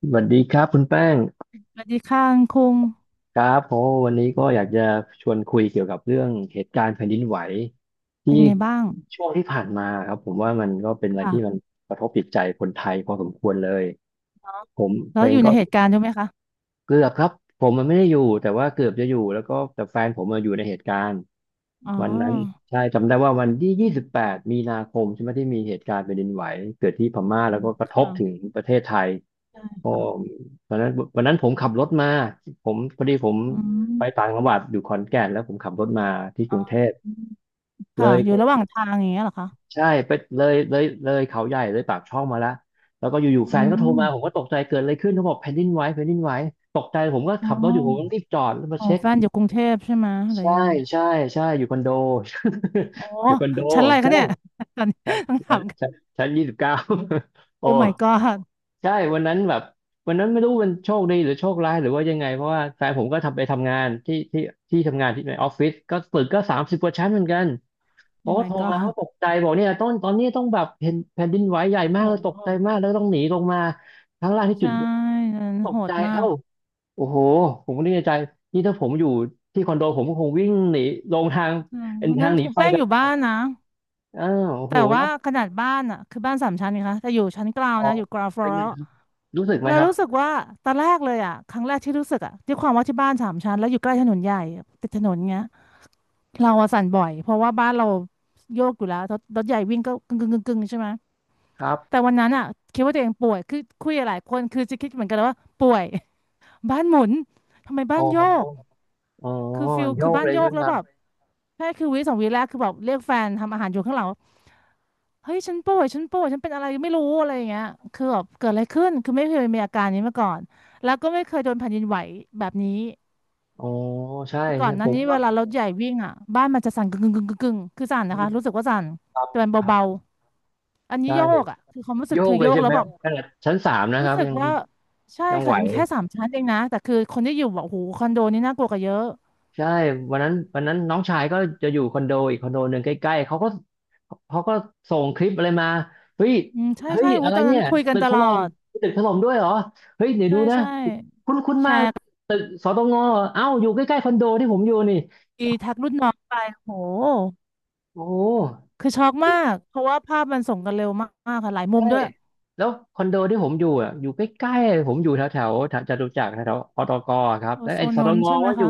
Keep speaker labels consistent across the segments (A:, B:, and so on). A: สวัสดีครับคุณแป้ง
B: สวัสดีค่ะคุณคุง
A: ครับเพราะว่าวันนี้ก็อยากจะชวนคุยเกี่ยวกับเรื่องเหตุการณ์แผ่นดินไหวที่
B: เป็นไงบ้าง
A: ช่วงที่ผ่านมาครับผมว่ามันก็เป็นอะไรที่มั
B: ค่ะ
A: นกระทบจิตใจคนไทยพอสมควรเลยผมเพ
B: แล้
A: ล
B: วอ
A: ง
B: ยู่
A: ก็
B: ในเหตุการณ์ด้วยไหมคะ
A: เกือบครับผมมันไม่ได้อยู่แต่ว่าเกือบจะอยู่แล้วก็แต่แฟนผมมาอยู่ในเหตุการณ์
B: อ๋อ
A: วันนั้นใช่จำได้ว่าวันที่28มีนาคมใช่ไหมที่มีเหตุการณ์แผ่นดินไหวเกิดที่พม่าแล้วก็กระทบ
B: ค่ะ
A: ถึงประเทศไทย
B: ใช่
A: โอ้
B: ค่ะ
A: วันนั้นวันนั้นผมขับรถมาผมพอดีผม
B: อื
A: ไปต่า
B: ม
A: งจังหวัดอยู่ขอนแก่นแล้วผมขับรถมาที่ก
B: อ๋
A: รุงเท
B: อ
A: พเล
B: ค่ะอยู่ระห
A: ย
B: ว่างทางอย่างเงี้ยเหรอคะ
A: ใช่ไปเลยเลยเลยเขาใหญ่เลยปากช่องมาแล้วแล้วก็อยู่ๆแฟ
B: อื
A: นก็โทรมาผม
B: ม
A: ก็ตกใจเกิดอะไรขึ้นเขาบอกแผ่นดินไหวแผ่นดินไหวตกใจผมก็
B: อ๋
A: ขั
B: อ
A: บรถอยู่ผมก็รีบจอดแล้วมา
B: ของ
A: เช็ค
B: แฟนอยู่กรุงเทพใช่ไหมหรื
A: ใช่
B: อยังไง
A: ใช่ใช่อยู่คอนโด
B: โอ้
A: อยู่คอนโด
B: ชั้นอะไร
A: ใช่
B: คะเนี่ย ตอนนี้
A: ชั้น
B: ต้องถา
A: ชั้น
B: มกัน
A: ชั้นยี่สิบเก้า โอ้
B: โอ้ my god
A: ใช่ วันนั้นแบบ วันนั้นไม่รู้มันโชคดีหรือโชคร้ายหรือว่ายังไงเพราะว่าแฟนผมก็ทำไปทำงานที่ทำงานที่ในออฟฟิศก็ตึกก็30กว่าชั้นเหมือนกัน
B: โอ้
A: เขาก็
B: my
A: โทรมา
B: god
A: เขาตกใจบอกเนี่ยต้นตอนนี้ต้องแบบเห็นแผ่นดินไหวใหญ่มาก
B: โอ้
A: เลยตกใจ
B: โห
A: มากแล้วต้องหนีลงมาข้างล่างที่จุ
B: ใช่
A: ด
B: นั้น
A: ต
B: โห
A: กใจ
B: ดมา
A: เอ้า
B: ก
A: โอ้โห ผมก็นึกในใจ นี่ถ้าผมอยู่ที่คอนโดผมก็คงวิ่งหนีลงทาง
B: อืม
A: เป็น
B: วัน
A: ทา
B: นั้
A: ง
B: น
A: หนีไฟ
B: แป้ง
A: กัน
B: อยู่บ้านนะ
A: อ้าวโอ้โห
B: แต่
A: แล้
B: ว่า
A: ว
B: ขนาดบ้านอ่ะคือบ้านสามชั้นนะคะแต่อยู่ชั้นกลาง
A: อ๋อ
B: นะอยู่กราวฟลอ
A: เป็น
B: ร์
A: ไงครับรู้สึกไหม
B: เรา
A: ครับ
B: รู้สึกว่าตอนแรกเลยอ่ะครั้งแรกที่รู้สึกอ่ะด้วยความว่าที่บ้านสามชั้นแล้วอยู่ใกล้ถนนใหญ่ติดถนนเงี้ยเราอะสั่นบ่อยเพราะว่าบ้านเราโยกอยู่แล้วรถใหญ่วิ่งก็กึ่งกึ่งกึ่งกึ่งใช่ไหม
A: ครับ
B: แต่วันนั้นอ่ะคิดว่าตัวเองป่วยคือคุยกับหลายคนคือจะคิดเหมือนกันเลยว่าป่วย บ้านหมุนทำไมบ้า
A: อ๋อ
B: นโยก
A: อ๋อ
B: คือฟิล
A: โย
B: คือ
A: ก
B: บ้า
A: เล
B: น
A: ย
B: โย
A: ใช่
B: ก
A: ไหม
B: แล้
A: ค
B: ว
A: รั
B: แบบ
A: บ
B: แค่คือวิสองวิแรกคือแบบเรียกแฟนทำอาหารอยู่ข้างหลัง เฮ้ยฉันป่วยฉันป่วยฉันเป็นอะไรไม่รู้อะไรอย่างเงี้ยคือแบบเกิดอะไรขึ้นคือไม่เคยมีอาการนี้มาก่อนแล้วก็ไม่เคยโดนแผ่นดินไหวแบบนี้
A: อ๋อใช่
B: คือก่อ
A: ใช่
B: นห
A: ผ
B: น้า
A: ม
B: นี้
A: ก็
B: เวลารถใหญ่วิ่งอ่ะบ้านมันจะสั่นกึ่งกึ่งกึ่งกึ่งกึ่งคือสั่น
A: อื
B: นะ
A: ม
B: คะรู้สึกว่าสั่น
A: ครับ
B: แต่มัน
A: ครับ
B: เบาๆอันนี้
A: ใช่
B: โยกอ่ะคือความรู้สึ
A: โย
B: ก
A: ก
B: คือ
A: เล
B: โย
A: ย
B: ก
A: ใช่
B: แล้
A: ไห
B: ว
A: ม
B: แบบ
A: ขนาดชั้นสามนะค
B: รู้
A: รับ
B: สึก
A: ยัง
B: ว่าใช่
A: ยังไห
B: ค่ะ
A: ว
B: จะมีแค่สามชั้นเองนะแต่คือคนที่อยู่บบโหคอนโดนี่น่ากลัวกว่าเยอะ
A: ใช่วันนั้นวันนั้นน้องชายก็จะอยู่คอนโดอีกคอนโดหนึ่งใกล้ๆเขาก็ส่งคลิปอะไรมาเฮ้ย
B: อืมใช่
A: เฮ้ย
B: ใช่หู
A: อะไร
B: ตอน
A: เนี่
B: นั้น
A: ย
B: คุยกัน
A: ตึก
B: ต
A: ถ
B: ลอ
A: ล่ม
B: ด
A: ตึกถล่มด้วยเหรอเฮ้ยเดี๋ยว
B: ใช่
A: ดูนะ
B: ใช่
A: คุ้นคุ้น
B: แช
A: มาก
B: ร์
A: ตึกสตงเอ้าอยู่ใกล้ๆคอนโดที่ผมอยู่นี่
B: ทักรุ่นน้องไปโห
A: โอ้
B: คือช็อกมากเพราะว่าภาพมันส่งกันเร็วมากๆค่ะหลายมุ
A: ใช่
B: มด้วย
A: แล้วคอนโดที่ผมอยู่อ่ะอยู่ใกล้ๆผมอยู่แถวแถวจตุจักรแถวอตกครับ
B: โอ
A: แล้ว
B: โซ
A: ไอ้
B: น
A: ส
B: น
A: ต
B: นท์
A: ง
B: ใช่ไหม
A: ว่อยู่
B: คะ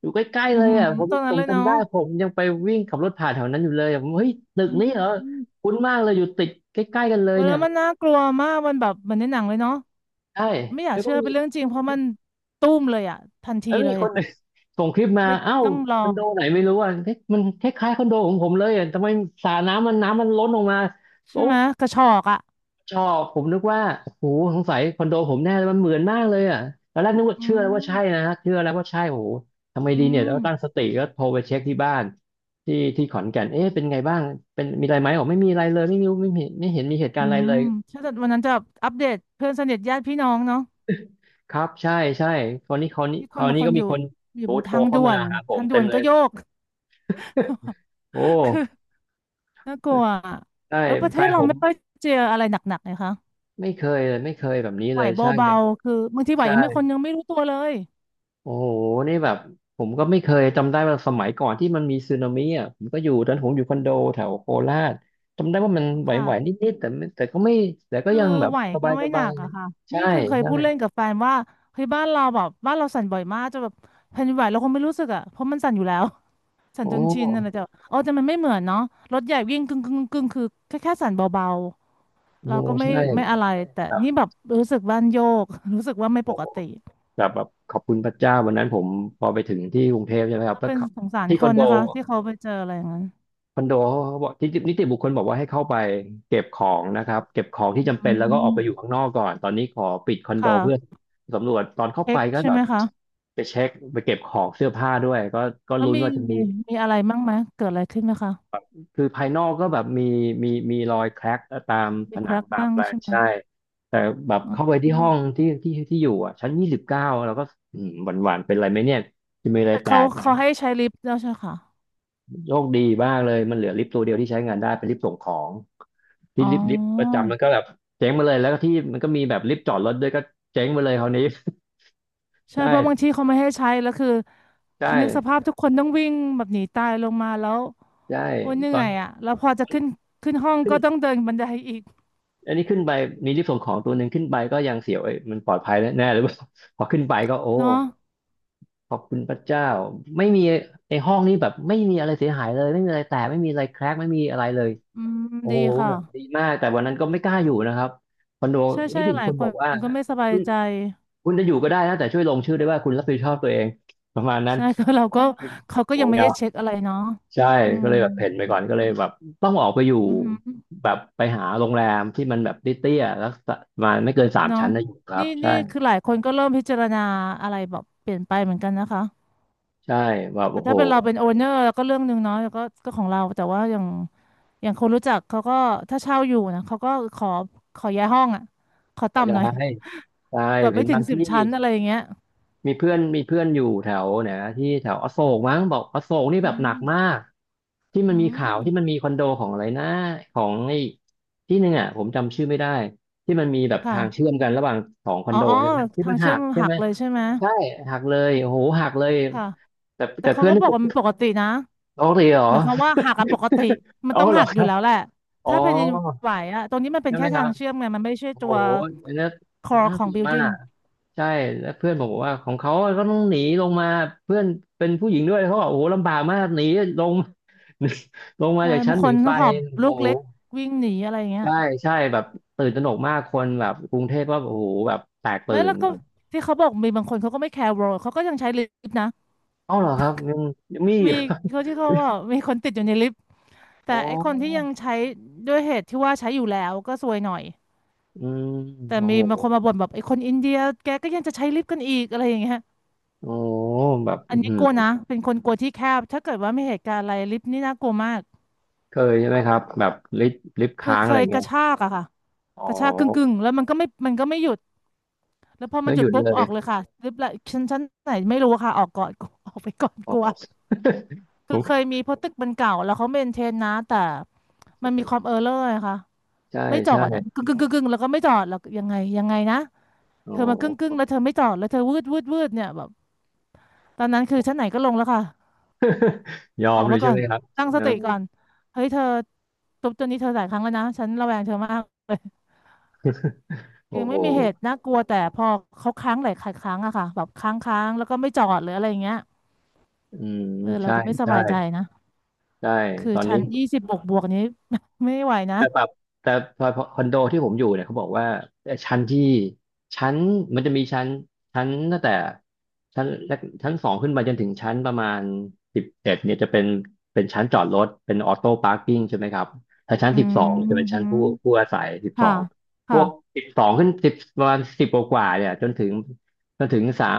A: อยู่ใกล้ๆ
B: อื
A: เล
B: อ
A: ย
B: หือ
A: อ่ะผม
B: ตรง
A: ผ
B: นั้น
A: ม
B: เลยเนาะ
A: จำได้ผมยังไปวิ่งขับรถผ่านแถวนั้นอยู่เลยอะผมเฮ้ยตึ
B: อ
A: กนี้เหรอ
B: ืม
A: คุ้นมากเลยอยู่ติดใกล้ๆกันเล
B: เอ
A: ย
B: อ
A: เนี่
B: แล้
A: ย
B: วมันน่ากลัวมากมันแบบเหมือนในหนังเลยเนาะ
A: ใช่
B: ไม่อยา
A: แล้
B: ก
A: วก็
B: เชื่อ
A: มี
B: เป็นเรื่องจริงเพราะมันตุ้มเลยอะทันที
A: แล้วมี
B: เลย
A: คนหนึ่ง ส่งคลิปมา
B: ไม่
A: เอ้า
B: ต้องร
A: ค
B: อ
A: อนโดไหนไม่รู้อ่ะเฮ้ยมันคล้ายๆคอนโดของผมเลยอ่ะทำไมสระน้ำมันน้ำมันล้นออกมาโอ้
B: ใช่ไหมกระชอกอะ
A: ชอบผมนึกว่าโอ้โหสงสัยคอนโดผมแน่เลยมันเหมือนมากเลยอ่ะตอนแรกนึกว่า
B: อื
A: เชื่อแล้วว่า
B: ม
A: ใช่นะฮะเชื่อแล้วว่าใช่โอ้โหทำไมดี
B: อื
A: เนี่ยแล้
B: ม
A: วตั้งสติก็โทรไปเช็คที่บ้าน ที่ที่ขอนแก่นเอ๊ะเป็นไงบ้างเป็นมีอะไรไหมบอกไม่มีอะไรเลยไม่มีไม่เห็นไม่เห็นมีเหตุการ
B: อื
A: ณ์อะไรเล
B: ม
A: ย
B: ใช่แต่วันนั้นจะอัปเดตเพื่อนสนิทญาติพี่น้องเนาะ
A: ครับใช่ใช่คราวนี้คราวนี้
B: มี
A: ค
B: คน
A: ราว
B: บาง
A: นี้
B: ค
A: ก็
B: นอ
A: มี
B: ยู่
A: คน
B: อ
A: โท
B: ยู่
A: ร
B: บน
A: โทร
B: ทาง
A: เข้า
B: ด่ว
A: มา
B: น
A: หาผ
B: ทา
A: ม
B: งด่
A: เต็
B: ว
A: ม
B: น
A: เล
B: ก็
A: ย
B: โยก
A: โอ
B: คือ
A: ้
B: น่ากลัวอะ
A: ใช่
B: เออประเท
A: แฟ
B: ศ
A: น
B: เรา
A: ผม
B: ไม่ค่อยเจออะไรหนักๆเลยค่ะ
A: ไม่เคยเลยไม่เคยแบบนี้
B: ไหว
A: เลยใช่
B: เบาๆคือบางทีไหวยังไม่ค
A: ใช่
B: นยังไม่รู้ตัวเลย
A: โอ้โห นี่แบบผมก็ไม่เคยจำได้ว่าสมัยก่อนที่มันมีสึนามิอ่ะผมก็อยู่ตอนผมอยู่คอนโดแถวโคราชจำได้ว่ามันไหวๆ
B: ค่ะ
A: นิดๆแต่ไม่แต่ก็ไม่แต่ก็
B: คือ
A: ยังแบบ
B: ไหว
A: ส
B: ก็ไม่ห
A: บา
B: นัก
A: ย
B: อะค่ะ
A: ๆใช่
B: นี่คือเคยพูดเล่น
A: ใช่
B: กับแฟนว่าเฮ้ยบ้านเราแบบบ้านเราสั่นบ่อยมากจะแบบแผ่นดินไหวเราคงไม่รู้สึกอะเพราะมันสั่นอยู่แล้ว สั่
A: โอ
B: นจนชินอะไร
A: ้
B: แต่เออแต่มันไม่เหมือนเนาะรถใหญ่วิ่งกึ่งกึ่งกึ่งคือแค่สั่นเบาๆ
A: โอ้
B: เราก็ไม่
A: ใช่
B: ไม่อะไรแต่
A: แบบ
B: นี่แบบรู้สึกบ้านโยก รู้สึกว่าไม่
A: โอ้
B: ปกติ
A: แบบแบบขอบคุณพระเจ้าวันนั้นผมพอไปถึงที่กรุงเทพใช่ไหมครับแล้ว
B: เป็น
A: ขับ
B: สงสาร
A: ที่
B: ค
A: คอน
B: น
A: โด
B: นะคะที่เขาไปเจออะไรอย่างนั้น
A: คอนโดเขาบอกทีตนิติบุคคลบอกว่าให้เข้าไปเก็บของนะครับเก็บของที่
B: อื
A: จำเป็นแล้วก็ออ
B: ม
A: กไปอยู่ข้างนอกก่อนตอนนี้ขอปิดคอน
B: ค
A: โดเพื่อ
B: ่ะ
A: สำรวจตอนเข้าไป
B: เอ็ก
A: ก็
B: ใช่
A: แบ
B: ไหม
A: บ
B: คะ
A: ไปเช็คไปเก็บของเสื้อผ้าด้วยก็ก็
B: แล้ว
A: ลุ้นว่าจะมี
B: มีมีอะไรบ้างไหมเกิดอะไรขึ้นไหมคะ
A: คือภายนอกก็แบบมีมีมีรอยแคร็กตามผ
B: มีค
A: นัง
B: รัก
A: ตาม
B: บ้าง
A: อะไร
B: ใช่ไหม
A: ใช่แต่แบบ
B: อ๋
A: เข้าไป
B: อ
A: ที่ห้องที่อยู่อ่ะชั้นยี่สิบเก้าแล้วก็อืมหวั่นๆเป็นไรไหมเนี่ยจะมีอะไร
B: แต่
A: แต
B: เขา
A: ก
B: เขาให้ใช้ลิฟต์แล้วใช่ค่ะ
A: โชคดีมากเลยมันเหลือลิฟต์ตัวเดียวที่ใช้งานได้เป็นลิฟต์ส่งของที่
B: อ๋อ
A: ลิฟต์ประจำมันก็แบบเจ๊งมาเลยแล้วก็ที่มันก็มีแบบลิฟต์จอดรถด้วยก็เจ๊งมาเลยคราวนี้
B: ใช่
A: ใช่
B: เพราะบางทีเขาไม่ให้ใช้แล้วคือ
A: ใช
B: คือนึกส
A: ่
B: ภาพทุกคนต้องวิ่งแบบหนีตายลงมาแล้ว
A: ใช่
B: โอ้ยเห
A: ต
B: นื่
A: อ
B: อ
A: น
B: ยอ่ะแล้วพอจะขึ้นขึ้นห้อง
A: ขึ้น
B: ก็ต้องเดินบันไดอีก
A: อันนี้ขึ้นไปมีลิฟต์ส่งของตัวหนึ่งขึ้นไปก็ยังเสียวเอ้ยมันปลอดภัยแน่หรือเปล่า พอขึ้นไปก็โอ้
B: เนาะ
A: ขอบคุณพระเจ้าไม่มีไอ้ห้องนี้แบบไม่มีอะไรเสียหายเลยไม่มีอะไรแตกไม่มีอะไรแครกไม่มีอะไรเลย
B: อืม
A: โอ้
B: ดี
A: โห
B: ค่ะ
A: แบบดีมากแต่วันนั้นก็ไม่กล้าอยู่นะครับคอนโด
B: ใช่
A: นิ
B: ใช่
A: ติ
B: ห
A: บุค
B: ลาย
A: คล
B: ค
A: บอกว่า
B: นก็ไม่สบายใจ
A: คุณจะอยู่ก็ได้นะแต่ช่วยลงชื่อด้วยว่าคุณรับผิดชอบตัวเองประมาณนั้น
B: ใช่ ก็เราก็เขาก็
A: โอ้
B: ยัง
A: ย
B: ไม่ได้
A: เอา
B: เช็คอะไรเนาะ
A: ใช่
B: อื
A: ก็
B: ม
A: เลยแบบเพ่นไปก่อนก็เลยแบบต้องออกไปอยู่
B: อือหือ
A: แบบไปหาโรงแรมที่มันแบบเตี้ยๆแล้วประมาณไม่เกินสาม
B: เนาะ
A: ชั้นนะอยู่ครั
B: นี่
A: บ ใช่
B: นี่คือหลายคนก็เริ่มพิจารณาอะไรแบบเปลี่ยนไปเหมือนกันนะคะ
A: ใช่แบบ
B: แต่
A: โอ้โห
B: ถ้าเป็นเราเป็นโอเนอร์ก็เรื่องหนึ่งเนาะแล้วก็ก็ของเราแต่ว่าอย่างคนรู้จักเขาก็ถ้าเช่าอยู่นะเขาก็ขอขอย้ายห้องอ่ะขอ
A: ก็จะ
B: ต่ำหน่อย
A: ให้ใช่
B: แบบ
A: เห็
B: ไม่
A: น
B: ถึ
A: บา
B: ง
A: ง
B: สิบ
A: ที่
B: ชั้นอะไรอย่างเงี้ย
A: มีเพื่อนอยู่แถวไหนนะที่แถวอโศกมั้งบอกอโศกนี่
B: อื
A: แบบหนั
B: ม
A: กมากที่มั
B: อื
A: นมีข่า
B: ม
A: วที่มันมีคอนโดของอะไรนะของไอ้ที่หนึ่งอ่ะผมจำชื่อไม่ได้ที่มันมีแบบ
B: ค่ะ
A: ทางเชื่อมกันระหว่างสองคอ
B: อ๋
A: น
B: อ
A: โด
B: อ๋อ
A: ใช่ไหมที่
B: ทา
A: มั
B: ง
A: นหั
B: เชื่อม
A: กใช่
B: หั
A: ไหม
B: กเลยใช่ไหม
A: ใช่หักเลยโอ้โหหักเลย
B: ค่ะ
A: แต่
B: แต่
A: แต่
B: เขา
A: เพื่อน
B: ก็
A: ที่
B: บอก
A: ผม
B: ว่ามันปกตินะ
A: โอ้เลยเหรอ
B: หมายความว่าหักอะปกติ มัน
A: โอ้อ
B: ต้อง
A: เหร
B: หั
A: อ
B: ก
A: ค
B: อยู่
A: รับ
B: แล้วแหละ
A: อ๋อ
B: ถ้าแผ่นดินไหวอะตรงนี้มันเป็
A: ใช่
B: น
A: ไหม
B: แค่
A: ค
B: ทา
A: รั
B: ง
A: บ
B: เชื่อมไงมันไม่ใช่
A: โอ้
B: ตั
A: โห
B: ว
A: อันนี้
B: core
A: น่า
B: ขอ
A: ก
B: ง
A: ลัวมา
B: building
A: ก ใช่แล้วเพื่อนผมบอกว่าของเขาก็ต้องหนีลงมาเพื่อนเป็นผู้หญิงด้วยเขาบอกโอ้โหลำบากมากหนีลง ลงมา
B: ใช่
A: จากชั้
B: บา
A: น
B: ง
A: ห
B: ค
A: นี
B: น
A: ไฟ
B: ต้องหอบ
A: โอ้
B: ลู
A: โห
B: กเล็กวิ่งหนีอะไรอย่างเงี้ย
A: ใช่ใช่แบบตื่นตระหนกมากคนแบบกรุงเทพก็โอ้โหแบบแตกตื่
B: ไม่
A: น
B: แล้วก็
A: แบบ
B: ที่เขาบอกมีบางคนเขาก็ไม่แคร์ world เขาก็ยังใช้ลิฟต์นะ
A: เอ้าเหรอครับยังมีอยู่
B: มีเขาที่เขาว่ามีคนติดอยู่ในลิฟต์
A: อ๋อ
B: แต่ไอ้คนที่ยังใช้ด้วยเหตุที่ว่าใช้อยู่แล้วก็ซวยหน่อย
A: อืม
B: แต่
A: โอ้
B: มี
A: โห
B: บางคนมาบ่นแบบไอ้คนอินเดียแกก็ยังจะใช้ลิฟต์กันอีกอะไรอย่างเงี้ย
A: โอ้โหแบบ
B: อั
A: อื้
B: น
A: อ
B: นี้
A: หื
B: กลัว
A: อ
B: นะเป็นคนกลัวที่แคบถ้าเกิดว่ามีเหตุการณ์อะไรลิฟต์นี่น่ากลัวมาก
A: เคยใช่ไหมครับแบบลิฟต์
B: คือ
A: ค้าง
B: เค
A: อะไร
B: ยก
A: เงี้
B: ระ
A: ย
B: ชากอะค่ะ
A: อ๋อ
B: กระชากกึ่งกึ่งแล้วมันก็ไม่หยุดแล้วพอมั
A: แล้
B: น
A: ว
B: หยุ
A: ห
B: ด
A: ยุด
B: ปุ๊บ
A: เล
B: อ
A: ย
B: อกเลยค่ะลิฟต์ละชั้นไหนไม่รู้ค่ะออกก่อน ออกไปก่อน
A: อ๋อ
B: กลัว
A: โอ
B: คือเคยมีเพราะตึกมันเก่าแล้วเขาเมนเทนนะแต่มันมี
A: เค
B: ความเออร์เลอร์ค่ะ
A: ใช่
B: ไม่จอ
A: ใช่
B: ดอะกึ่งกึ่งกึ่งกึ่งแล้วก็ไม่จอดแล้วยังไงยังไงนะ
A: อ๋อ
B: เธอมากึ่งกึ่งแล้วเธอไม่จอดแล้วเธอวืดวืดวืดเนี่ยแบบตอนนั้นคือชั้นไหนก็ลงแล้วค่ะ
A: ยอ
B: อ
A: ม
B: อก
A: เลย
B: มา
A: ใช่
B: ก่อ
A: ไห
B: น
A: มครับ
B: ตั้งส
A: เอ
B: ติก่อน
A: อ
B: เฮ้ยเธอทุบตัวนี้เธอหลายครั้งแล้วนะฉันระแวงเธอมากเลย
A: โอ้
B: ยัง
A: โห
B: ไม่มีเหตุน่ากลัวแต่พอเขาค้างหลายครั้งอะค่ะแบบค้างค้างแล้วก็ไม่จอดหรืออะไรอย่างเงี้ย
A: อืม
B: เออเรา
A: ใช่
B: ก็ไม่ส
A: ใช่
B: บายใจนะ
A: ใช่
B: คือ
A: ตอน
B: ชั้
A: นี้
B: นยี่สิบบวกบวกนี้ ไม่ไหวนะ
A: แต่แบบแต่พอคอนโดที่ผมอยู่เนี่ยเขาบอกว่าชั้นที่ชั้นมันจะมีชั้นชั้นตั้งแต่ชั้นแรกชั้นสองขึ้นไปจนถึงชั้นประมาณ11เนี่ยจะเป็นชั้นจอดรถเป็นออโต้พาร์กิ้งใช่ไหมครับถ้าชั้น
B: อื
A: สิบสองจะ
B: ม
A: เป็นชั้
B: ฮึ
A: นผู้อาศัยสิบสอ
B: ค่ะ
A: งพ
B: ค่ะ
A: วกสิบสองขึ้นสิบประมาณสิบกว่าๆเนี่ยจนถึงสาม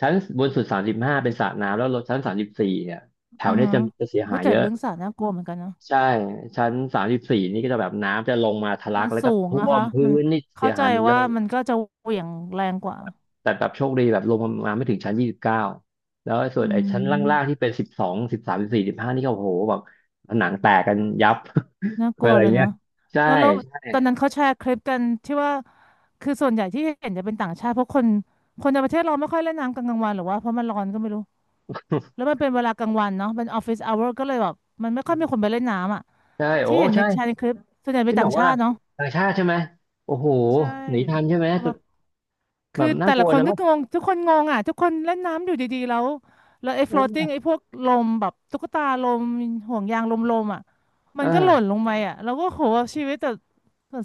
A: ชั้นบนสุด35เป็นสระน้ำแล้วลงชั้นสามสิบสี่เนี่ยแถ
B: อื
A: ว
B: อ
A: เนี้ย
B: ฮะ
A: จะเสีย
B: วิ
A: หาย
B: จั
A: เย
B: ด
A: อะ
B: เรื่องสัตว์น่ากลัวเหมือนกันนะ
A: ใช่ชั้น34นี่ก็จะแบบน้ำจะลงมาทะลั
B: มัน
A: กแล้ว
B: สู
A: ก็
B: ง
A: ท่
B: อะ
A: วม
B: คะ
A: พื้
B: มัน
A: นนี่เสี
B: เข้า
A: ย
B: ใจ
A: หายหมดเล
B: ว่า
A: ย
B: มันก็จะเหวี่ยงแรงกว่า
A: แต่แบบโชคดีแบบลงมาไม่ถึงชั้น29แล้วไอ้ส่วน
B: อื
A: ไอ้ชั้นล่างๆที่
B: ม
A: เป็น12 13 14 15นี่ก็โอ้โหแบบผนังแตกกันยับ
B: น่า กลั
A: อะ
B: ว
A: ไร
B: เลย
A: เงี้ย
B: เนาะ
A: ใช่
B: แล้ว
A: ใช่
B: ตอนนั้นเขาแชร์คลิปกันที่ว่าคือส่วนใหญ่ที่เห็นจะเป็นต่างชาติ เพราะคนในประเทศเราไม่ค่อยเล่นน้ำกลางวันหรอว่าเพราะมันร้อนก็ไม่รู้แล้วมันเป็นเวลากลางวันเนาะเป็นออฟฟิศอเวอร์ก็เลยแบบมันไม่ค่อยมีคน ไปเล่นน้ำอ่ะ
A: ใช่โอ้
B: ที่เห็นใน
A: ใช่
B: แชร์ในคลิปส่วนใหญ่เป็
A: ที่
B: น
A: บ
B: ต่าง
A: อก
B: ชา
A: ว่า
B: ติเนาะ
A: ต่างชาติใช่ไหมโอ้โห
B: ใช่
A: หนีทันใช่ไหม
B: เขามา
A: แบ
B: คือ
A: บน่า
B: แต่
A: กลั
B: ละ
A: ว
B: ค
A: เน
B: น
A: อะ
B: ก็งง ทุกคนงงอ่ะทุกคนเล่นน้ำอยู่ดีๆแล้วแล้วไอ้
A: เอ
B: floating ไอ้
A: อ
B: พวกลมแบบตุ๊กตาลมห่วงยางลมๆอ่ะมันก็หล่น
A: เออ
B: ลงไปอ่ะเราก็โหชีวิตแต่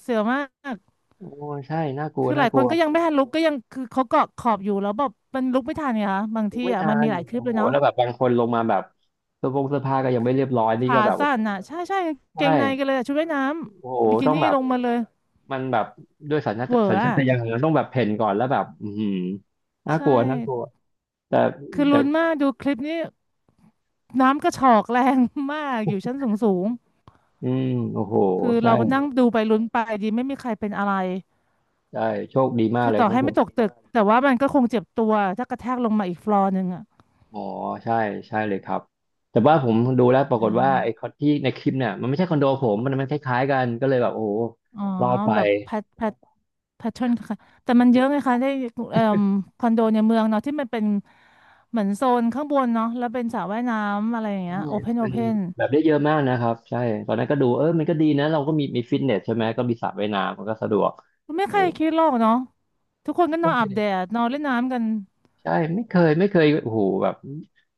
B: เสียวมาก
A: โอ้ใช่น่ากลัว
B: คือห
A: น่า
B: ลาย
A: ก
B: ค
A: ลั
B: น
A: ว
B: ก็ยังไม่ทันลุกก็ยังคือเขาเกาะขอบอยู่แล้วแบบมันลุกไม่ทันไงคะบาง
A: ลุก
B: ที่
A: ไม่
B: อ่ะ
A: ทั
B: มัน
A: น
B: มีหลายคลิป
A: โอ้
B: เล
A: โห
B: ยเนาะ
A: แล้วแบบบางคนลงมาแบบเสื้อผงเสื้อผ้าก็ยังไม่เรียบร้อยนี่ก็
B: ขา
A: แบบ
B: สั้นอ่ะใช่ใช่กาง
A: ใช
B: เกงในกัน
A: ่
B: เลยอะชุดว่ายน้
A: โอ้โห
B: ำบิกิ
A: ต้อง
B: นี่
A: แบบ
B: ลงมาเลย
A: มันแบบด้วย
B: เหวอ
A: สัญชา
B: อ่ะ
A: ตญาณมันต้องแบบเพ่นก่อนแล้วแบบอือหือน่าก
B: ใช่
A: ลัวน่ากลัวแต่
B: คือ
A: แต่
B: ลุ้นมากดูคลิปนี้น้ำกระฉอกแรงมากอยู่ชั้นสูงสูง
A: อืมโอ้โห
B: คือ
A: ใช่
B: เราก็นั่งดูไปลุ้นไปดีไม่มีใครเป็นอะไร
A: ใช่โชคดีมาก
B: คือ
A: เลย
B: ต่อ
A: ของ
B: ให้
A: ผ
B: ไม่
A: ม
B: ตกตึกแต่ว่ามันก็คงเจ็บตัวถ้ากระแทกลงมาอีกฟลอร์หนึ่งอ่ะ
A: อ๋อใช่ใช่เลยครับแต่ว่าผมดูแล้วปรากฏว่าไอ้คอนที่ในคลิปเนี่ยมันไม่ใช่คอนโดผมมันมันคล้ายๆกันก็เลยแบบโอ้โห
B: อ๋อ
A: รอดไป
B: แบบแพทเทิร์นค่ะแต่มันเยอะไงคะได้เอ่อคอนโดในเมืองเนาะที่มันเป็นเหมือนโซนข้างบนเนาะแล้วเป็นสระว่ายน้ำอะไรอย่างเงี้
A: ใช่
B: ยโอเพนโอ
A: มัน
B: เพน
A: แบบได้เยอะมากนะครับใช่ตอนนั้นก็ดูเออมันก็ดีนะเราก็มีฟิตเนสใช่ไหมก็มีสระว่ายน้ำมันก็สะดวก
B: ไม่
A: โอ้
B: ใครคิดหรอกเนาะทุกคนก็นอ
A: ไม่
B: น
A: เค
B: อาบ
A: ย
B: แดดนอนเล่นน้ำกัน
A: ใช่ไม่เคยไม่เคยโอ้โหแบบ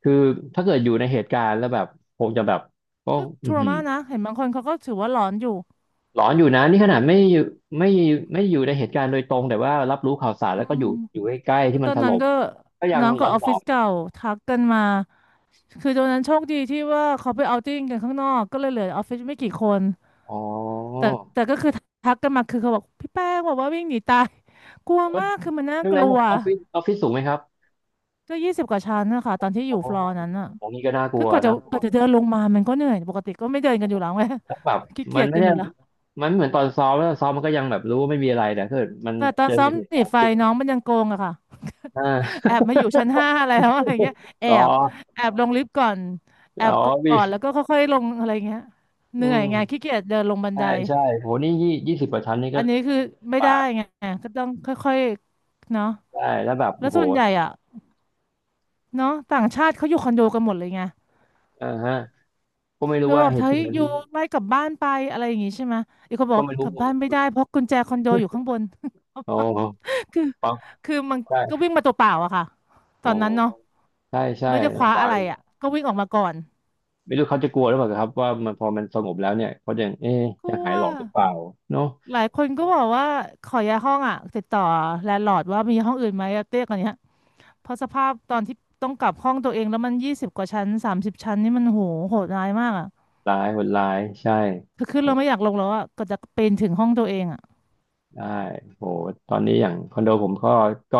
A: คือถ้าเกิดอยู่ในเหตุการณ์แล้วแบบคงจะแบบก็
B: ก็
A: อื
B: ท
A: อ
B: ร
A: หือ
B: มานนะเห็นบางคนเขาก็ถือว่าหลอนอยู่
A: หลอนอยู่นะนี่ขนาดไม่อยู่ไม่ไม่อยู่ในเหตุการณ์โดยตรงแต่ว่ารับรู้ข่าวสาร
B: อื
A: แล้วก็
B: ม
A: อยู่ใกล้ๆ
B: คื
A: ที่
B: อ
A: มั
B: ต
A: น
B: อ
A: ถ
B: นนั้
A: ล่
B: น
A: ม
B: ก็
A: ก็ยัง
B: น้อง
A: หล
B: กับ
A: อ
B: ออฟฟิศ
A: น
B: เก่าทักกันมาคือตอนนั้นโชคดีที่ว่าเขาไปเอาท์ติ้งกันข้างนอกก็เลยเหลือออฟฟิศไม่กี่คน
A: ๆอ๋อ
B: แต่ก็คือทักกันมาคือเขาบอกพี่แป้งบอกว่าวิ่งหนีตายกลัว
A: ก็
B: มากคือมันน่า
A: ใช่
B: ก
A: ไหม
B: ลัว
A: ออฟฟิศสูงไหมครับ
B: ก็ยี่สิบกว่าชั้นนะคะตอนที่อ
A: อ๋อ
B: ยู่ฟลอร์นั้นอ่ะ
A: ของนี้ก็น่ากลั
B: คือ
A: ว
B: กว่าจะ
A: นะ
B: กว่าจะเดินลงมามันก็เหนื่อยปกติก็ไม่เดินกันอยู่แล้วไง
A: แล้วแบบ
B: ขี้เกี
A: มัน
B: ยจ
A: ไม่
B: กัน
A: ได้
B: อยู่แล้ว
A: มันเหมือนตอนซ้อมแล้วซ้อมมันก็ยังแบบรู้ว่าไม่มีอะไรแต่ถ้าเกิดมัน
B: แต่ตอ
A: เจ
B: น
A: อ
B: ซ้อม
A: เหตุ
B: หนี
A: การณ์
B: ไฟ
A: จริง
B: น้องมันยังโกงอะค่ะ
A: อ่า
B: แอบมาอยู่ชั้น5แล้วอะไรเงี้ย แอ
A: อ๋อ
B: บแอบลงลิฟต์ก่อนแอ
A: อ๋อ
B: บก
A: มี
B: ่อนแล้วก็ค่อยๆลงอะไรเงี้ยเห
A: อื
B: นื่อยไงขี้
A: ม
B: เกียจเดินลงบัน
A: ใช่
B: ได
A: ใช่โหนี่ยี่สิบกว่าชั้นนี่
B: อั
A: ก็
B: นนี้คือไม่
A: ปา
B: ได้
A: ก
B: ไงก็ต้องค่อยๆเนาะ
A: ได้แล้วแบบ
B: แล้ว
A: โห
B: ส่วนใหญ่อะเนาะต่างชาติเขาอยู่คอนโดกันหมดเลยไง
A: อ่าฮะก็ไม่รู้
B: เดี๋ยว
A: ว่า
B: แบบ
A: เหตุ
B: เฮ้
A: กา
B: ย
A: ร
B: อ
A: ณ์
B: ยู่
A: นี้
B: ไล่กลับบ้านไปอะไรอย่างงี้ใช่ไหม อีกคนบอก
A: ก็
B: ว่า
A: ไม่
B: ก
A: รู้
B: ลับบ้านไม่ได้เพราะกุญแจคอนโดอยู่ข้างบน
A: โอ้
B: คือ
A: ฟัง
B: คือมันก็
A: ใช่
B: วิ่งมาตัวเปล่าอะค่ะต
A: โอ้
B: อนนั้นเนาะ
A: ใช่ใช่
B: ไม่ได้คว้า
A: ลำบา
B: อะ
A: ก
B: ไร
A: เลย
B: อะก็วิ่งออกมาก่อน
A: ไม่รู้เขาจะกลัวหรือเปล่าครับว่ามันพอมันสงบแล้วเนี่ยเขาจะเอ๊ะ
B: ก
A: จะ
B: ลัว
A: หายหลอนหรือเปล่าเนาะ
B: หลายคนก็บอกว่าขอย้ายห้องอะติดต่อแลนด์ลอร์ดว่ามีห้องอื่นไหมอะเตี้ยกว่านี้เพราะสภาพตอนที่ต้องกลับห้องตัวเองแล้วมันยี่สิบกว่าชั้น30ชั้นนี่มันโหโหดร้ายมากอะ
A: ร้ายโหดร้ายใช่
B: คือขึ้นเราไม่อยากลงแล้วอะก็จะปีนถึงห้องตัวเองอะ
A: ได้โหตอนนี้อย่างคอนโดผมก็ก็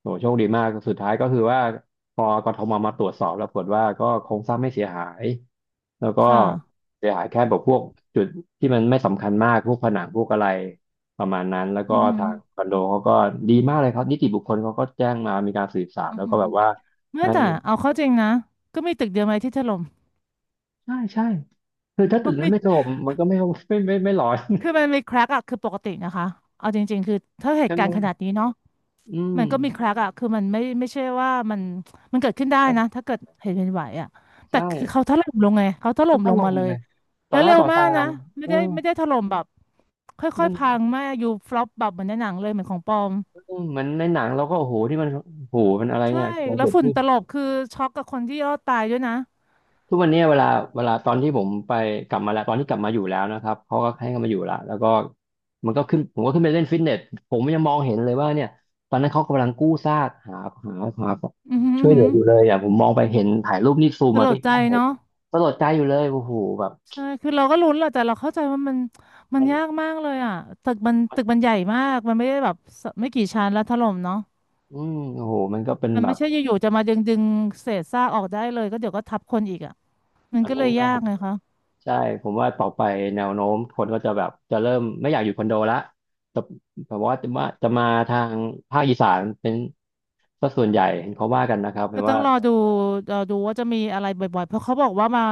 A: โหโชคดีมากสุดท้ายก็คือว่าพอกทมมาตรวจสอบแล้วผลว่าก็โครงสร้างไม่เสียหายแล้วก็
B: ค่ะ
A: เสียหายแค่แบบพวกจุดที่มันไม่สำคัญมากพวกผนังพวกอะไรประมาณนั้นแล้วก็
B: อือหือ
A: ทางคอนโดเขาก็ดีมากเลยครับนิติบุคคลเขาก็แจ้งมามีการสืบสาว
B: อือ
A: แล้วก็
B: หือ
A: แบบว่า
B: เมื่อ
A: ให้
B: แต่เอาเข้าจริงนะก็มีตึกเดียวไหมที่ถล่ม
A: ใช่ใช่คือถ้าตึกนั้นไม่ถล่ม มันก็ไม่ ไม่ไม่ร้อน
B: คือมันมีแครกอะคือปกตินะคะเอาจริงๆคือถ้าเห
A: ใช่
B: ตุ
A: ไหม
B: การณ์ขนาดนี้เนาะ
A: อืม
B: มันก็มีแครกอะคือมันไม่ใช่ว่ามันเกิดขึ้นได้นะถ้าเกิดเหตุเป็นไหวอะแต่
A: ใช่
B: คือเขาถล่มลงไงเขาถล่
A: มัน
B: ม
A: ก็
B: ลง
A: ล
B: มา
A: ง
B: เลย
A: เลยต่
B: แล้
A: อ
B: ว
A: หน้า
B: เร็ว
A: ต่อ
B: มา
A: ตา
B: กนะไม่
A: เออ
B: ได้ไม่ได้ถล่มแบบค่อ
A: นั่
B: ยๆพั
A: น
B: งไม่อยู่ฟลอปแบบเหมือนในหนังเลยเหมือนของปลอม
A: เออเหมือนในหนังเราก็โอ้โหที่มันโอ้โหมันอะไร
B: ใช่
A: เนี่ยอะไร
B: แล้ว
A: เกิด
B: ฝุ่น
A: ขึ้น
B: ตลบคือช็อกกับคนที่รอดตายด้วยนะ
A: ทุกวันเนี้ยเวลาเวลาตอนที่ผมไปกลับมาแล้วตอนที่กลับมาอยู่แล้วนะครับเขาก็ให้เขามาอยู่ละแล้วก็มันก็ขึ้นผมก็ขึ้นไปเล่นฟิตเนสผมยังมองเห็นเลยว่าเนี่ยตอนนั้นเขากำลังกู้ซากหาหา
B: อือหืออื้
A: ช่ว
B: อ
A: ยเห
B: หื
A: ลือ
B: อ
A: อยู่เลยอ่ะผมมองไปเห็นถ่ายรูปนี่ซูม
B: ส
A: มา
B: ล
A: ใก
B: ดใจ
A: ล้ๆเห็น
B: เนาะ
A: สลดใจอยู่เลยโอ้โหแบบ
B: ใช่คือเราก็ลุ้นแหละแต่เราเข้าใจว่ามันมั
A: มั
B: น
A: น
B: ยากมากเลยอ่ะตึกมันใหญ่มากมันไม่ได้แบบสไม่กี่ชั้นแล้วถล่มเนาะ
A: อืมโอ้โหมันก็เป็น
B: มัน
A: แบ
B: ไม่
A: บ
B: ใช่อยู่ๆจะมาดึงเศษซากออกได้เลยก็เดี๋ยวก็ทับคนอีกอ่ะมัน
A: มัน
B: ก็เล
A: ไม่
B: ย
A: น่า
B: ยากไงคะ
A: ใช่ผมว่าต่อไปแนวโน้มคนก็จะแบบจะเริ่มไม่อยากอยู่คอนโดละแต่แต่ว่าจะมาจะมาทางภาคอีสานเป็นสัส่วนใหญ่เห็นเขาว่ากันนะครับเห็
B: ก็
A: น
B: ต้อ
A: ว่า
B: งรอดูรอดูว่าจะมีอะไรบ่อยๆเพราะเขาบอกว่ามา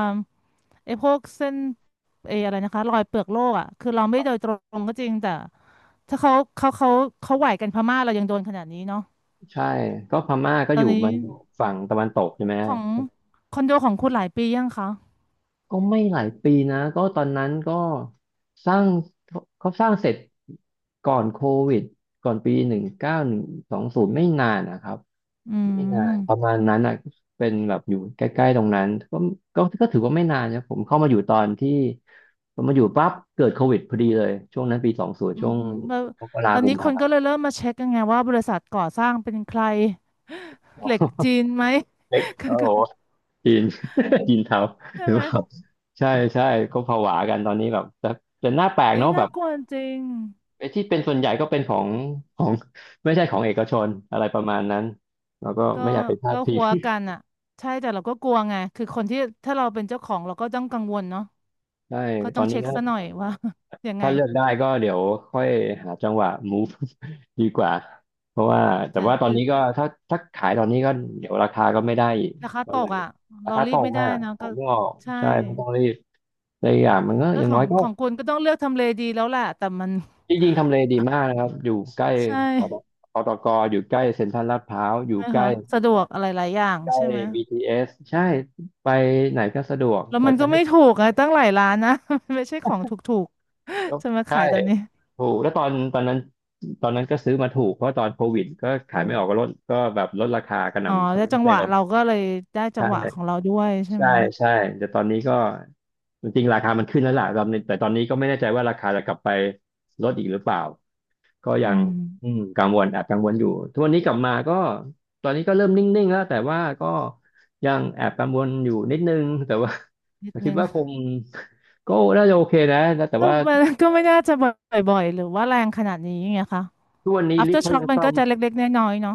B: ไอ้พวกเส้นอะไรนะคะรอยเปลือกโลกอ่ะคือเราไม่โดยตรงก็จริง แต่ถ้าเขาไหวกันพม่าเรายังโดนขนาดนี้เนาะ
A: ใช่ก็พม่าก็
B: ต
A: อ
B: อน
A: ยู่
B: นี้
A: มันฝั่งตะวันตกใช่ไหม
B: ของ
A: ครับ
B: คอนโดของคุณหลายปียังคะ
A: ก็ไม่หลายปีนะก็ตอนนั้นก็สร้างเขาสร้างเสร็จก่อนโควิดก่อนปีหนึ่งเก้าหนึ่งสองศูนย์ไม่นานนะครับ
B: อื
A: ไม่นาน
B: ม
A: ประมาณนั้นอ่ะเป็นแบบอยู่ใกล้ๆตรงนั้นก็ก็ถือว่าไม่นานนะผมเข้ามาอยู่ตอนที่ผมมาอยู่ปั๊บเกิดโควิดพอดีเลยช่วงนั้นปีสองศูนย์
B: อื
A: ช่
B: อ
A: วง
B: หือม
A: มกรา
B: ตอน
A: กุ
B: นี้
A: ม
B: ค
A: ภา
B: นก็เลยเริ่มมาเช็คกันไงว่าบริษัทก่อสร้างเป็นใคร
A: อ๋
B: เหล็ก
A: อ
B: จีนไหม
A: เล็กโอ้โหจีน จีนเทา
B: ใช่
A: หรือ
B: ไหม
A: เปล่าใช่ใช่ก็ผวากันตอนนี้แบบแต่แต่หน้าแปลก
B: เอ้ย
A: เนาะแบ
B: น่า
A: บ
B: กลัวจริง
A: ไอ้ที่เป็นส่วนใหญ่ก็เป็นของไม่ใช่ของเอกชนอะไรประมาณนั้นเราก็
B: ก็
A: ไม่อยากไปพลาดพิ
B: หั
A: ง
B: วกันอ่ะใช่แต่เราก็กลัวไงคือคนที่ถ้าเราเป็นเจ้าของเราก็ต้องกังวลเนาะ
A: ใช่
B: ก็
A: ตอ
B: ต้อง
A: นนี้
B: เช็ค
A: ก็
B: ซะหน่อย ว่า ยังไง
A: ถ้าเลือกได้ก็เดี๋ยวค่อยหาจังหวะ move ดีกว่าเพราะว่าแต่
B: แต่
A: ว่าตอน
B: คือ
A: นี้ก็ถ้าขายตอนนี้ก็เดี๋ยวราคาก็ไม่ได้อีก
B: ราคา
A: ก็
B: ต
A: เล
B: ก
A: ย
B: อ่ะ
A: รา
B: เรา
A: คา
B: รี
A: ต
B: บ
A: ก
B: ไม่ได้
A: อ่ะ
B: นะ
A: ขอ
B: ก็
A: งไม่ออก
B: ใช่
A: ใช่ไม่ต้องรีบแต่อกอย่างมันก็
B: ก็
A: อย่าง
B: ขอ
A: น้อ
B: ง
A: ยก็
B: ของคุณก็ต้องเลือกทำเลดีแล้วแหละแต่มัน
A: จริงๆทำเลดีมากนะครับ อยู่ใกล้
B: ใช่
A: ปตปตกอยู่ใกล้เซ็นทรัลลาดพร้าวอ
B: ใช่
A: ยู่
B: ไหม
A: ใกล้
B: คะสะดวกอะไรหลายอย่าง
A: ใกล้
B: ใช่ไหม
A: BTS ใช่ไปไหนก็สะดวก
B: แล้ว
A: แต่
B: มัน
A: แต่
B: ก็
A: ไม่
B: ไม่ถูกอะตั้งหลายร้านนะ มันไม่ใช่ของถูก
A: แล้ว
B: ๆจะมา
A: ใช่
B: ขายตอนนี้
A: ถูกแล้วตอนตอนนั้นก็ซื้อมาถูกเพราะตอนโควิดก็ขายไม่ออกก็ลดก็แบบลดราคากระห
B: อ๋อ
A: น่ำซัม
B: แล้ว
A: เมอ
B: จั
A: ร์
B: ง
A: เซ
B: หวะ
A: ล
B: เราก็เลยได้จังหวะของ
A: ใช่
B: เราด้วยใช่
A: ใช่
B: ไหม
A: ใช่แต่ตอนนี้ก็จริงๆราคามันขึ้นแล้วล่ะตอนนี้แต่ตอนนี้ก็ไม่แน่ใจว่าราคาจะกลับไปลดอีกหรือเปล่าก็
B: อื
A: ยัง
B: ม
A: อืมกังวลแอบกังวลอยู่ทุกวันนี้กลับมาก็ตอนนี้ก็เริ่มนิ่งๆแล้วแต่ว่าก็ยังแอบกังวลอยู่นิดนึงแต่ว่า
B: นิด
A: คิ
B: นึ
A: ด
B: ง
A: ว่าคง ก็น่าจะโอเคนะแต่
B: ก็
A: ว่า
B: มันก็ไม่น่าจะบ่อยๆหรือว่าแรงขนาดนี้ไงคะ
A: ทุกวันนี้ลิฟ
B: after
A: ต์เขา
B: shock
A: ยัง
B: มัน
A: ซ่อ
B: ก็
A: ม
B: จะเล็กๆน้อยๆเนาะ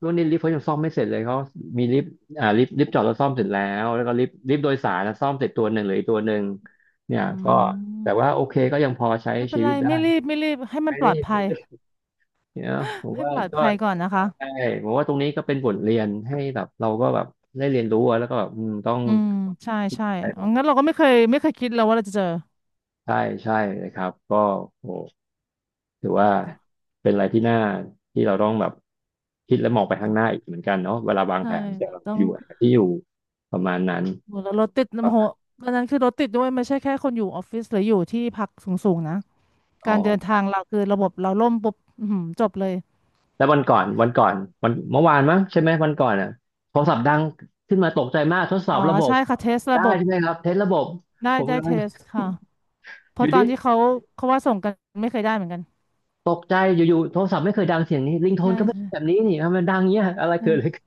A: ช่วนนี้ลิฟต์เขายังซ่อมไม่เสร็จเลยเขามีลิฟต์อ่าลิฟต์จอดแล้วซ่อมเสร็จแล้วแล้วก็ลิฟต์โดยสารนะซ่อมเสร็จตัวหนึ่งเหลืออีกตัวหนึ่งเนี่ย
B: อื
A: ก็แต่
B: ม
A: ว่าโอเคก็ยังพอใช้
B: ไม่เป็
A: ชี
B: นไร
A: วิตได้
B: ไม่รีบให้มัน
A: ไม่
B: ปล
A: ได้
B: อดภั
A: ไม่
B: ย
A: ได้เนี่ ผ ม
B: ให้
A: ว่า
B: ปลอด
A: ก็
B: ภัยก่อนนะคะ
A: ใช่ผมว่าตรงนี้ก็เป็นบทเรียนให้แบบเราก็แบบได้เรียนรู้อะแล้วก็แบบอืมต้อง
B: อืมใช่
A: ใ
B: ใช่งั้
A: ช
B: นเราก็ไม่เคยคิดเลยวว่าเราจะเจอ
A: ่ใช่เลยครับก็โอ้ถือว่าเป็นอะไรที่น่าที่เราต้องแบบคิดและมองไปข้างหน้าอีกเหมือนกันเนาะเวลาวาง
B: ใช่
A: แผนจะ
B: เราต้อ
A: อ
B: ง
A: ยู่ที่อยู่ประมาณนั้น
B: โหแล้วรถติดโหตอนนั้นคือรถติดด้วยไม่ใช่แค่คนอยู่ออฟฟิศหรืออยู่ที่พักสูงๆนะ
A: อ๋
B: การเดิน
A: อ
B: ทางเราคือระบบเราล่มปุ๊บอื้อหือจบเลย
A: แล้ววันก่อนวันเมื่อวานมั้งใช่ไหมวันก่อนอ่ะโทรศัพท์ดังขึ้นมาตกใจมากทดสอ
B: อ๋อ
A: บระบบ
B: ใช่ค่ะเทส
A: ได้
B: ระบบ
A: ใช่ไหมครับเทสระบบ
B: ได้
A: ผม
B: ได้
A: กำ
B: เท
A: ลัง
B: สค่ะ เพ
A: อ
B: ราะ
A: ยู่
B: ตอนที่
A: ดี
B: เขาว่าส่งกันไม่เคยได้เหมือนกัน
A: ตกใจอยู่ๆโทรศัพท์ไม่เคยดังเสียงนี้ริงโท
B: ใช่
A: นก็ไม่แบบ
B: ใช่
A: นี้นี่ทำไมดังเงี้ยอะไรเกิดอะไร
B: ใช่
A: ขึ้น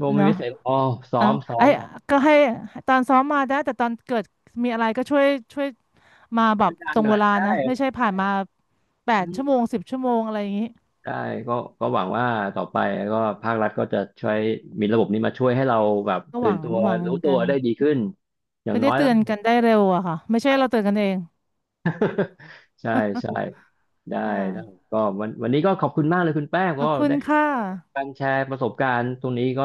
A: ผมมี
B: เนาะ
A: เมสเซจอ๋อซ้อ
B: อ่ะ
A: มซ้อ
B: ไอ้
A: ม
B: ก็ให้ตอนซ้อมมาได้แต่ตอนเกิดมีอะไรก็ช่วยมาแบ
A: ช่ว
B: บ
A: ยดัง
B: ตร
A: ห
B: ง
A: น่อ
B: เว
A: ย
B: ลา
A: ใช่
B: นะไม่ใช่ผ่านมาแป
A: อื
B: ด
A: ม
B: ชั่วโมง10 ชั่วโมงอะไรอย่างนี้
A: ใช่ก็ก็หวังว่าต่อไปก็ภาครัฐก็จะช่วยมีระบบนี้มาช่วยให้เราแบบ
B: ก็ห
A: ตื่
B: วั
A: น
B: ง
A: ตัว
B: หวัง
A: รู้ตั
B: กั
A: ว
B: น
A: ได้ดีขึ้นอย่าง
B: ก็
A: น้
B: ได้
A: อย
B: เตื
A: แล้ว
B: อนกันได้เร็วอะค่ะไม่ใช่เราเตือนกันเอง
A: ใช่ใช่ได้
B: ค่ะ
A: ได้ก็วันนี้ก็ขอบคุณมากเลยคุณแป้ง
B: ข
A: ก็
B: อบคุณ
A: ได้
B: ค่ะ
A: การแชร์ประสบการณ์ตรงนี้ก็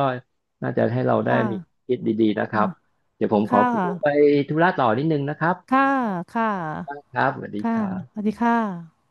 A: น่าจะให้เรา
B: ค
A: ได้มี
B: ่ะ
A: คิดดีๆนะครับ
B: เนาะ
A: เดี๋ยวผมขอ
B: ค่ะ
A: ตัวไปธุระต่อนิดนึงนะครับ
B: ค่ะค่ะ
A: ครับสวัสดีค
B: ค่ะ
A: รับ
B: สวัสดีค่ะ